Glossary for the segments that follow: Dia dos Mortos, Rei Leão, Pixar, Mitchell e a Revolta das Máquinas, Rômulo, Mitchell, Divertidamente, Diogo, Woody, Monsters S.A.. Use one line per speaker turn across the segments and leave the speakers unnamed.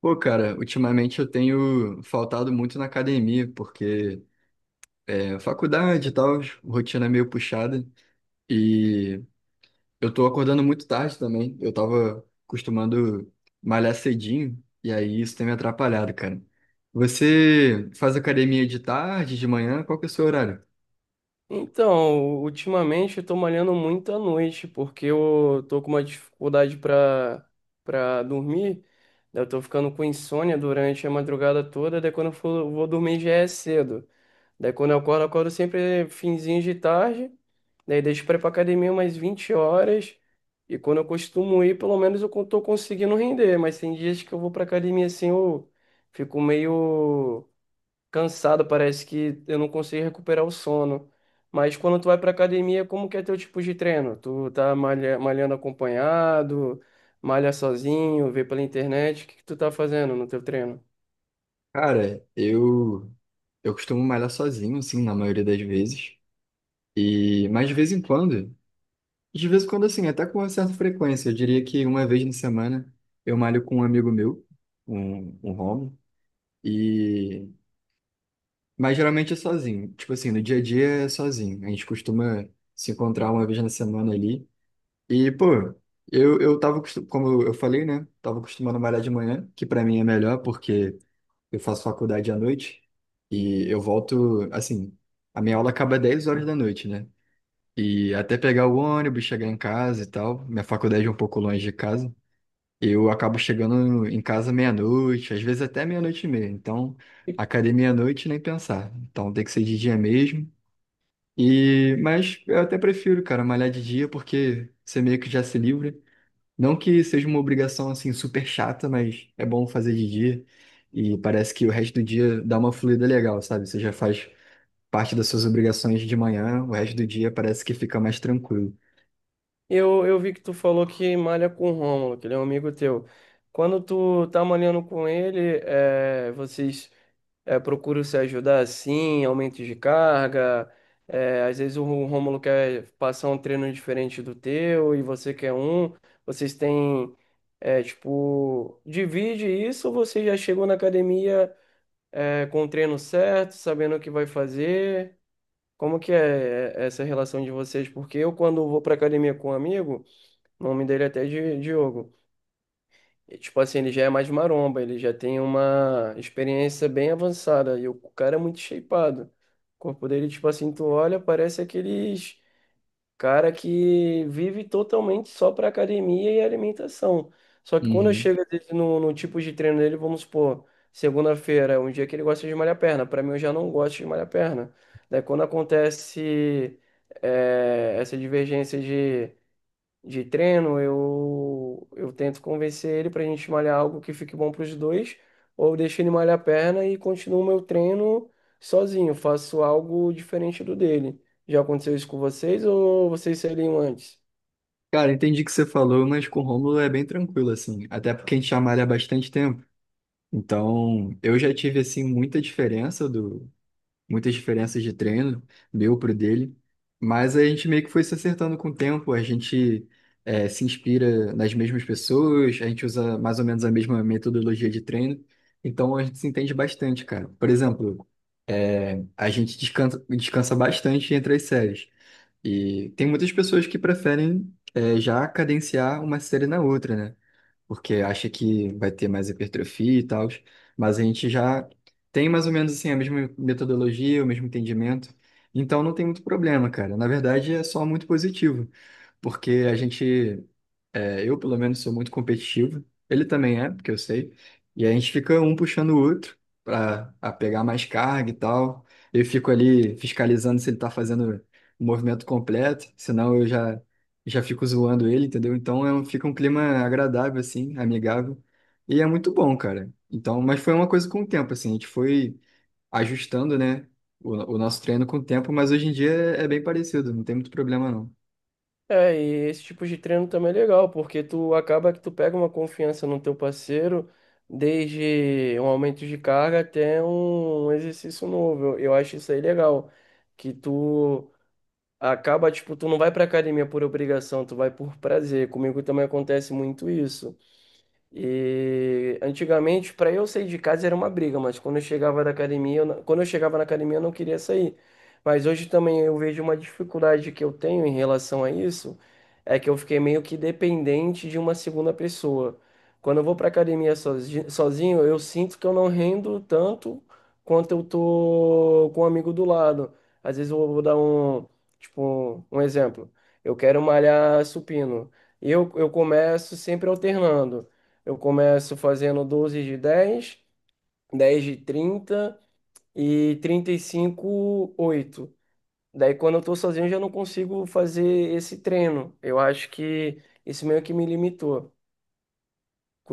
Pô, cara, ultimamente eu tenho faltado muito na academia, porque faculdade e tal, rotina meio puxada, e eu tô acordando muito tarde também. Eu tava costumando malhar cedinho, e aí isso tem me atrapalhado, cara. Você faz academia de tarde, de manhã? Qual que é o seu horário?
Então, ultimamente eu tô malhando muito à noite, porque eu tô com uma dificuldade pra dormir. Daí eu tô ficando com insônia durante a madrugada toda, daí quando vou dormir já é cedo. Daí quando eu acordo sempre finzinho de tarde, daí deixo pra ir pra academia umas 20h, e quando eu costumo ir, pelo menos tô conseguindo render, mas tem dias que eu vou pra academia assim, eu fico meio cansado, parece que eu não consigo recuperar o sono. Mas quando tu vai pra academia, como que é teu tipo de treino? Tu tá malhando acompanhado, malha sozinho, vê pela internet, o que que tu tá fazendo no teu treino?
Cara, eu costumo malhar sozinho, assim, na maioria das vezes. E, mas de vez em quando. De vez em quando, assim, até com uma certa frequência. Eu diria que uma vez na semana eu malho com um amigo meu, um homo, e... Mas geralmente é sozinho. Tipo assim, no dia a dia é sozinho. A gente costuma se encontrar uma vez na semana ali. E, pô, eu tava, como eu falei, né? Tava acostumando a malhar de manhã, que pra mim é melhor porque eu faço faculdade à noite e eu volto, assim, a minha aula acaba 10 horas da noite, né? E até pegar o ônibus, chegar em casa e tal. Minha faculdade é um pouco longe de casa. Eu acabo chegando em casa meia-noite, às vezes até meia-noite e meia. Então,
E
academia à noite nem pensar. Então, tem que ser de dia mesmo. E, mas eu até prefiro, cara, malhar de dia porque você meio que já se livra. Não que seja uma obrigação assim super chata, mas é bom fazer de dia. E parece que o resto do dia dá uma fluida legal, sabe? Você já faz parte das suas obrigações de manhã, o resto do dia parece que fica mais tranquilo.
eu vi que tu falou que malha com o Rômulo, que ele é um amigo teu. Quando tu tá malhando com ele, vocês procuro se ajudar assim, aumentos de carga. Às vezes o Rômulo quer passar um treino diferente do teu e você quer um. Vocês têm, tipo, divide isso ou você já chegou na academia, com o treino certo, sabendo o que vai fazer? Como que é, essa relação de vocês? Porque eu, quando vou para academia com um amigo, o nome dele é até Diogo. E, tipo assim, ele já é mais maromba, ele já tem uma experiência bem avançada. E o cara é muito shapeado. O corpo dele, tipo assim, tu olha, parece aqueles cara que vive totalmente só pra academia e alimentação. Só que quando eu
Uhum.
chego às vezes, no tipo de treino dele, vamos supor, segunda-feira é um dia que ele gosta de malhar perna. Pra mim, eu já não gosto de malhar perna. Daí quando acontece essa divergência de treino, eu tento convencer ele pra gente malhar algo que fique bom pros dois, ou eu deixo ele malhar a perna e continuo meu treino sozinho, faço algo diferente do dele. Já aconteceu isso com vocês ou vocês seriam antes?
Cara, entendi o que você falou, mas com o Rômulo é bem tranquilo, assim. Até porque a gente chama ele há bastante tempo. Então, eu já tive, assim, muita diferença do... Muitas diferenças de treino, meu pro dele. Mas a gente meio que foi se acertando com o tempo. A gente se inspira nas mesmas pessoas. A gente usa mais ou menos a mesma metodologia de treino. Então, a gente se entende bastante, cara. Por exemplo, a gente descansa, descansa bastante entre as séries. E tem muitas pessoas que preferem já cadenciar uma série na outra, né? Porque acha que vai ter mais hipertrofia e tal, mas a gente já tem mais ou menos assim a mesma metodologia, o mesmo entendimento, então não tem muito problema, cara. Na verdade, é só muito positivo porque a gente, eu pelo menos sou muito competitivo, ele também é, porque eu sei, e a gente fica um puxando o outro para pegar mais carga e tal. Eu fico ali fiscalizando se ele tá fazendo o movimento completo, senão já fico zoando ele, entendeu? Então fica um clima agradável, assim, amigável, e é muito bom, cara. Então, mas foi uma coisa com o tempo, assim, a gente foi ajustando, né, o nosso treino com o tempo, mas hoje em dia é bem parecido, não tem muito problema não.
É, e esse tipo de treino também é legal, porque tu acaba que tu pega uma confiança no teu parceiro, desde um aumento de carga até um exercício novo. Eu acho isso aí legal, que tu acaba, tipo, tu não vai pra academia por obrigação, tu vai por prazer. Comigo também acontece muito isso. E antigamente, para eu sair de casa era uma briga, mas quando eu chegava da academia, eu não- quando eu chegava na academia, eu não queria sair. Mas hoje também eu vejo uma dificuldade que eu tenho em relação a isso, é que eu fiquei meio que dependente de uma segunda pessoa. Quando eu vou para academia sozinho, eu sinto que eu não rendo tanto quanto eu tô com um amigo do lado. Às vezes eu vou dar tipo, um exemplo. Eu quero malhar supino. Eu começo sempre alternando. Eu começo fazendo 12 de 10, 10 de 30 e 35 8. Daí, quando eu tô sozinho, eu já não consigo fazer esse treino. Eu acho que isso meio que me limitou.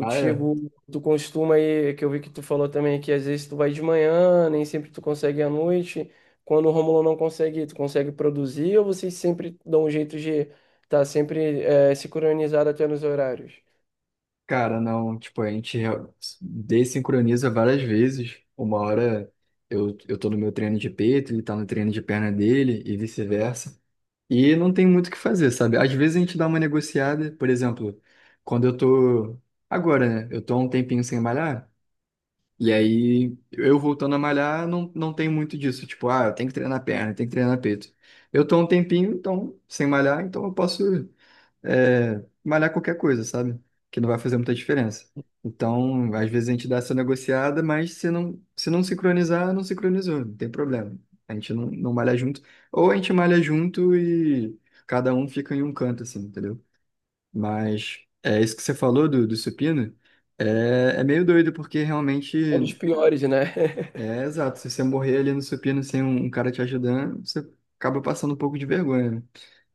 Ah, é?
tu costuma aí, que eu vi que tu falou também, que às vezes tu vai de manhã, nem sempre tu consegue à noite. Quando o Romulo não consegue, tu consegue produzir ou vocês sempre dão um jeito de estar sempre sincronizado até nos horários?
Cara, não, tipo, dessincroniza várias vezes. Uma hora eu tô no meu treino de peito, ele tá no treino de perna dele e vice-versa. E não tem muito o que fazer, sabe? Às vezes a gente dá uma negociada, por exemplo, quando eu tô. Agora, né? Eu tô há um tempinho sem malhar, e aí eu voltando a malhar, não tem muito disso. Tipo, ah, eu tenho que treinar perna, eu tenho que treinar peito. Eu tô há um tempinho, então, sem malhar, então eu posso malhar qualquer coisa, sabe? Que não vai fazer muita diferença. Então, às vezes a gente dá essa negociada, mas se não sincronizar, não sincronizou, não tem problema. A gente não malha junto. Ou a gente malha junto e cada um fica em um canto, assim, entendeu? Mas é isso que você falou do, supino, é meio doido, porque
Ou dos
realmente
piores, né?
é exato. Se você morrer ali no supino sem um cara te ajudando, você acaba passando um pouco de vergonha, né?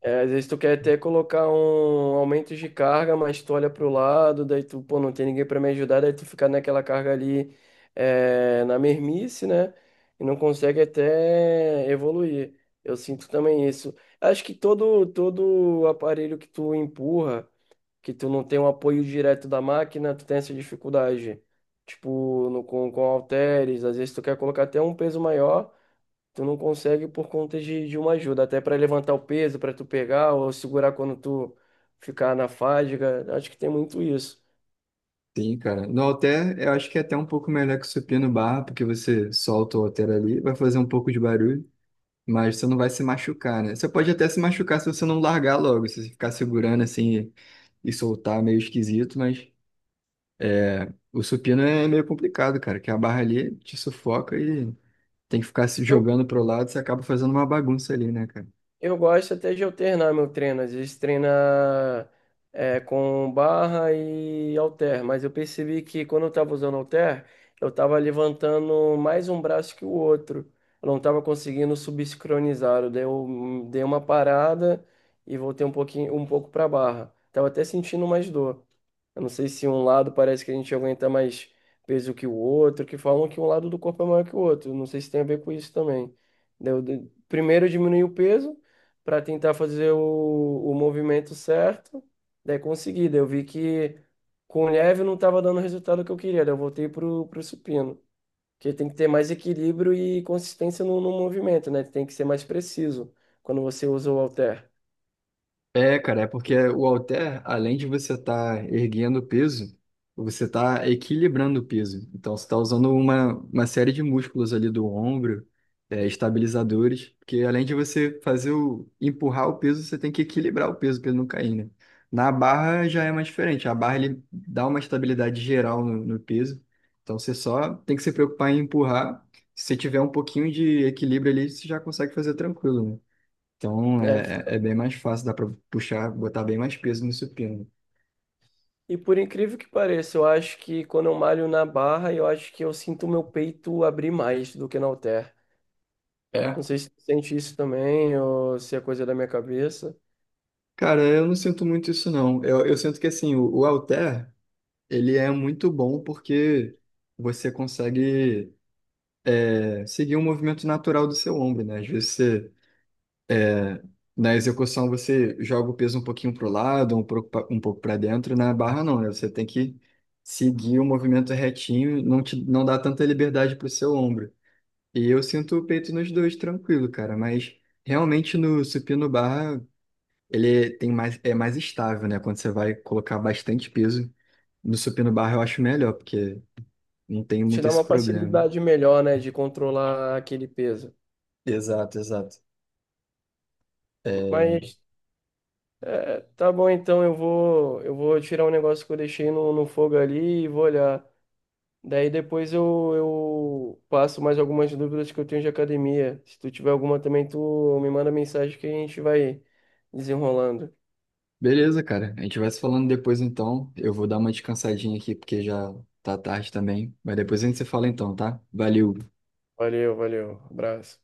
É, às vezes tu quer até colocar um aumento de carga, mas tu olha pro lado, daí tu, pô, não tem ninguém para me ajudar, daí tu fica naquela carga ali, na mermice, né? E não consegue até evoluir. Eu sinto também isso. Acho que todo aparelho que tu empurra, que tu não tem um apoio direto da máquina, tu tem essa dificuldade. Tipo, no, com halteres, às vezes tu quer colocar até um peso maior. Tu não consegue por conta de uma ajuda, até para levantar o peso, para tu pegar ou segurar quando tu ficar na fadiga. Acho que tem muito isso.
Sim, cara. No halter, eu acho que é até um pouco melhor que o supino barra, porque você solta o halter ali, vai fazer um pouco de barulho, mas você não vai se machucar, né? Você pode até se machucar se você não largar logo, se você ficar segurando assim e soltar meio esquisito, mas é, o supino é meio complicado, cara, que a barra ali te sufoca e tem que ficar se
Eu,
jogando pro lado, você acaba fazendo uma bagunça ali, né, cara?
Eu gosto até de alternar meu treino. Às vezes treina com barra e halter, mas eu percebi que quando eu estava usando halter, eu estava levantando mais um braço que o outro. Eu não estava conseguindo subsincronizar. Eu dei uma parada e voltei um pouquinho, um pouco para barra. Tava até sentindo mais dor. Eu não sei se um lado parece que a gente aguenta mais peso que o outro, que falam que um lado do corpo é maior que o outro. Não sei se tem a ver com isso também. Primeiro eu diminuí o peso para tentar fazer o movimento certo. Daí consegui. Daí eu vi que com leve não estava dando o resultado que eu queria. Daí eu voltei pro supino. Porque tem que ter mais equilíbrio e consistência no movimento, né? Tem que ser mais preciso quando você usa o halter.
É, cara, é porque o halter, além de você estar erguendo o peso, você está equilibrando o peso. Então, você está usando uma série de músculos ali do ombro, estabilizadores, porque além de você fazer empurrar o peso, você tem que equilibrar o peso para ele não cair, né? Na barra já é mais diferente. A barra, ele dá uma estabilidade geral no peso. Então, você só tem que se preocupar em empurrar. Se você tiver um pouquinho de equilíbrio ali, você já consegue fazer tranquilo, né? Então
É.
é bem mais fácil, dá para puxar, botar bem mais peso no supino.
E por incrível que pareça, eu acho que quando eu malho na barra, eu acho que eu sinto o meu peito abrir mais do que no halter.
É.
Não sei se tu sente isso também ou se é coisa da minha cabeça.
Cara, eu não sinto muito isso não. Eu sinto que assim, o, halter, ele é muito bom porque você consegue seguir o movimento natural do seu ombro, né? Às vezes você, na execução você joga o peso um pouquinho para o lado, um pouco para dentro, na barra não, né? Você tem que seguir o movimento retinho, não dá tanta liberdade para o seu ombro. E eu sinto o peito nos dois tranquilo, cara, mas realmente no supino barra ele tem mais, é mais estável, né? Quando você vai colocar bastante peso no supino barra eu acho melhor, porque não tem
Te
muito
dá
esse
uma
problema.
facilidade melhor, né, de controlar aquele peso.
Exato, exato.
Mas tá bom, então eu vou tirar um negócio que eu deixei no fogo ali e vou olhar. Daí depois eu passo mais algumas dúvidas que eu tenho de academia. Se tu tiver alguma também, tu me manda mensagem que a gente vai desenrolando.
Beleza, cara. A gente vai se falando depois então. Eu vou dar uma descansadinha aqui porque já tá tarde também, mas depois a gente se fala então, tá? Valeu.
Valeu, valeu. Abraço.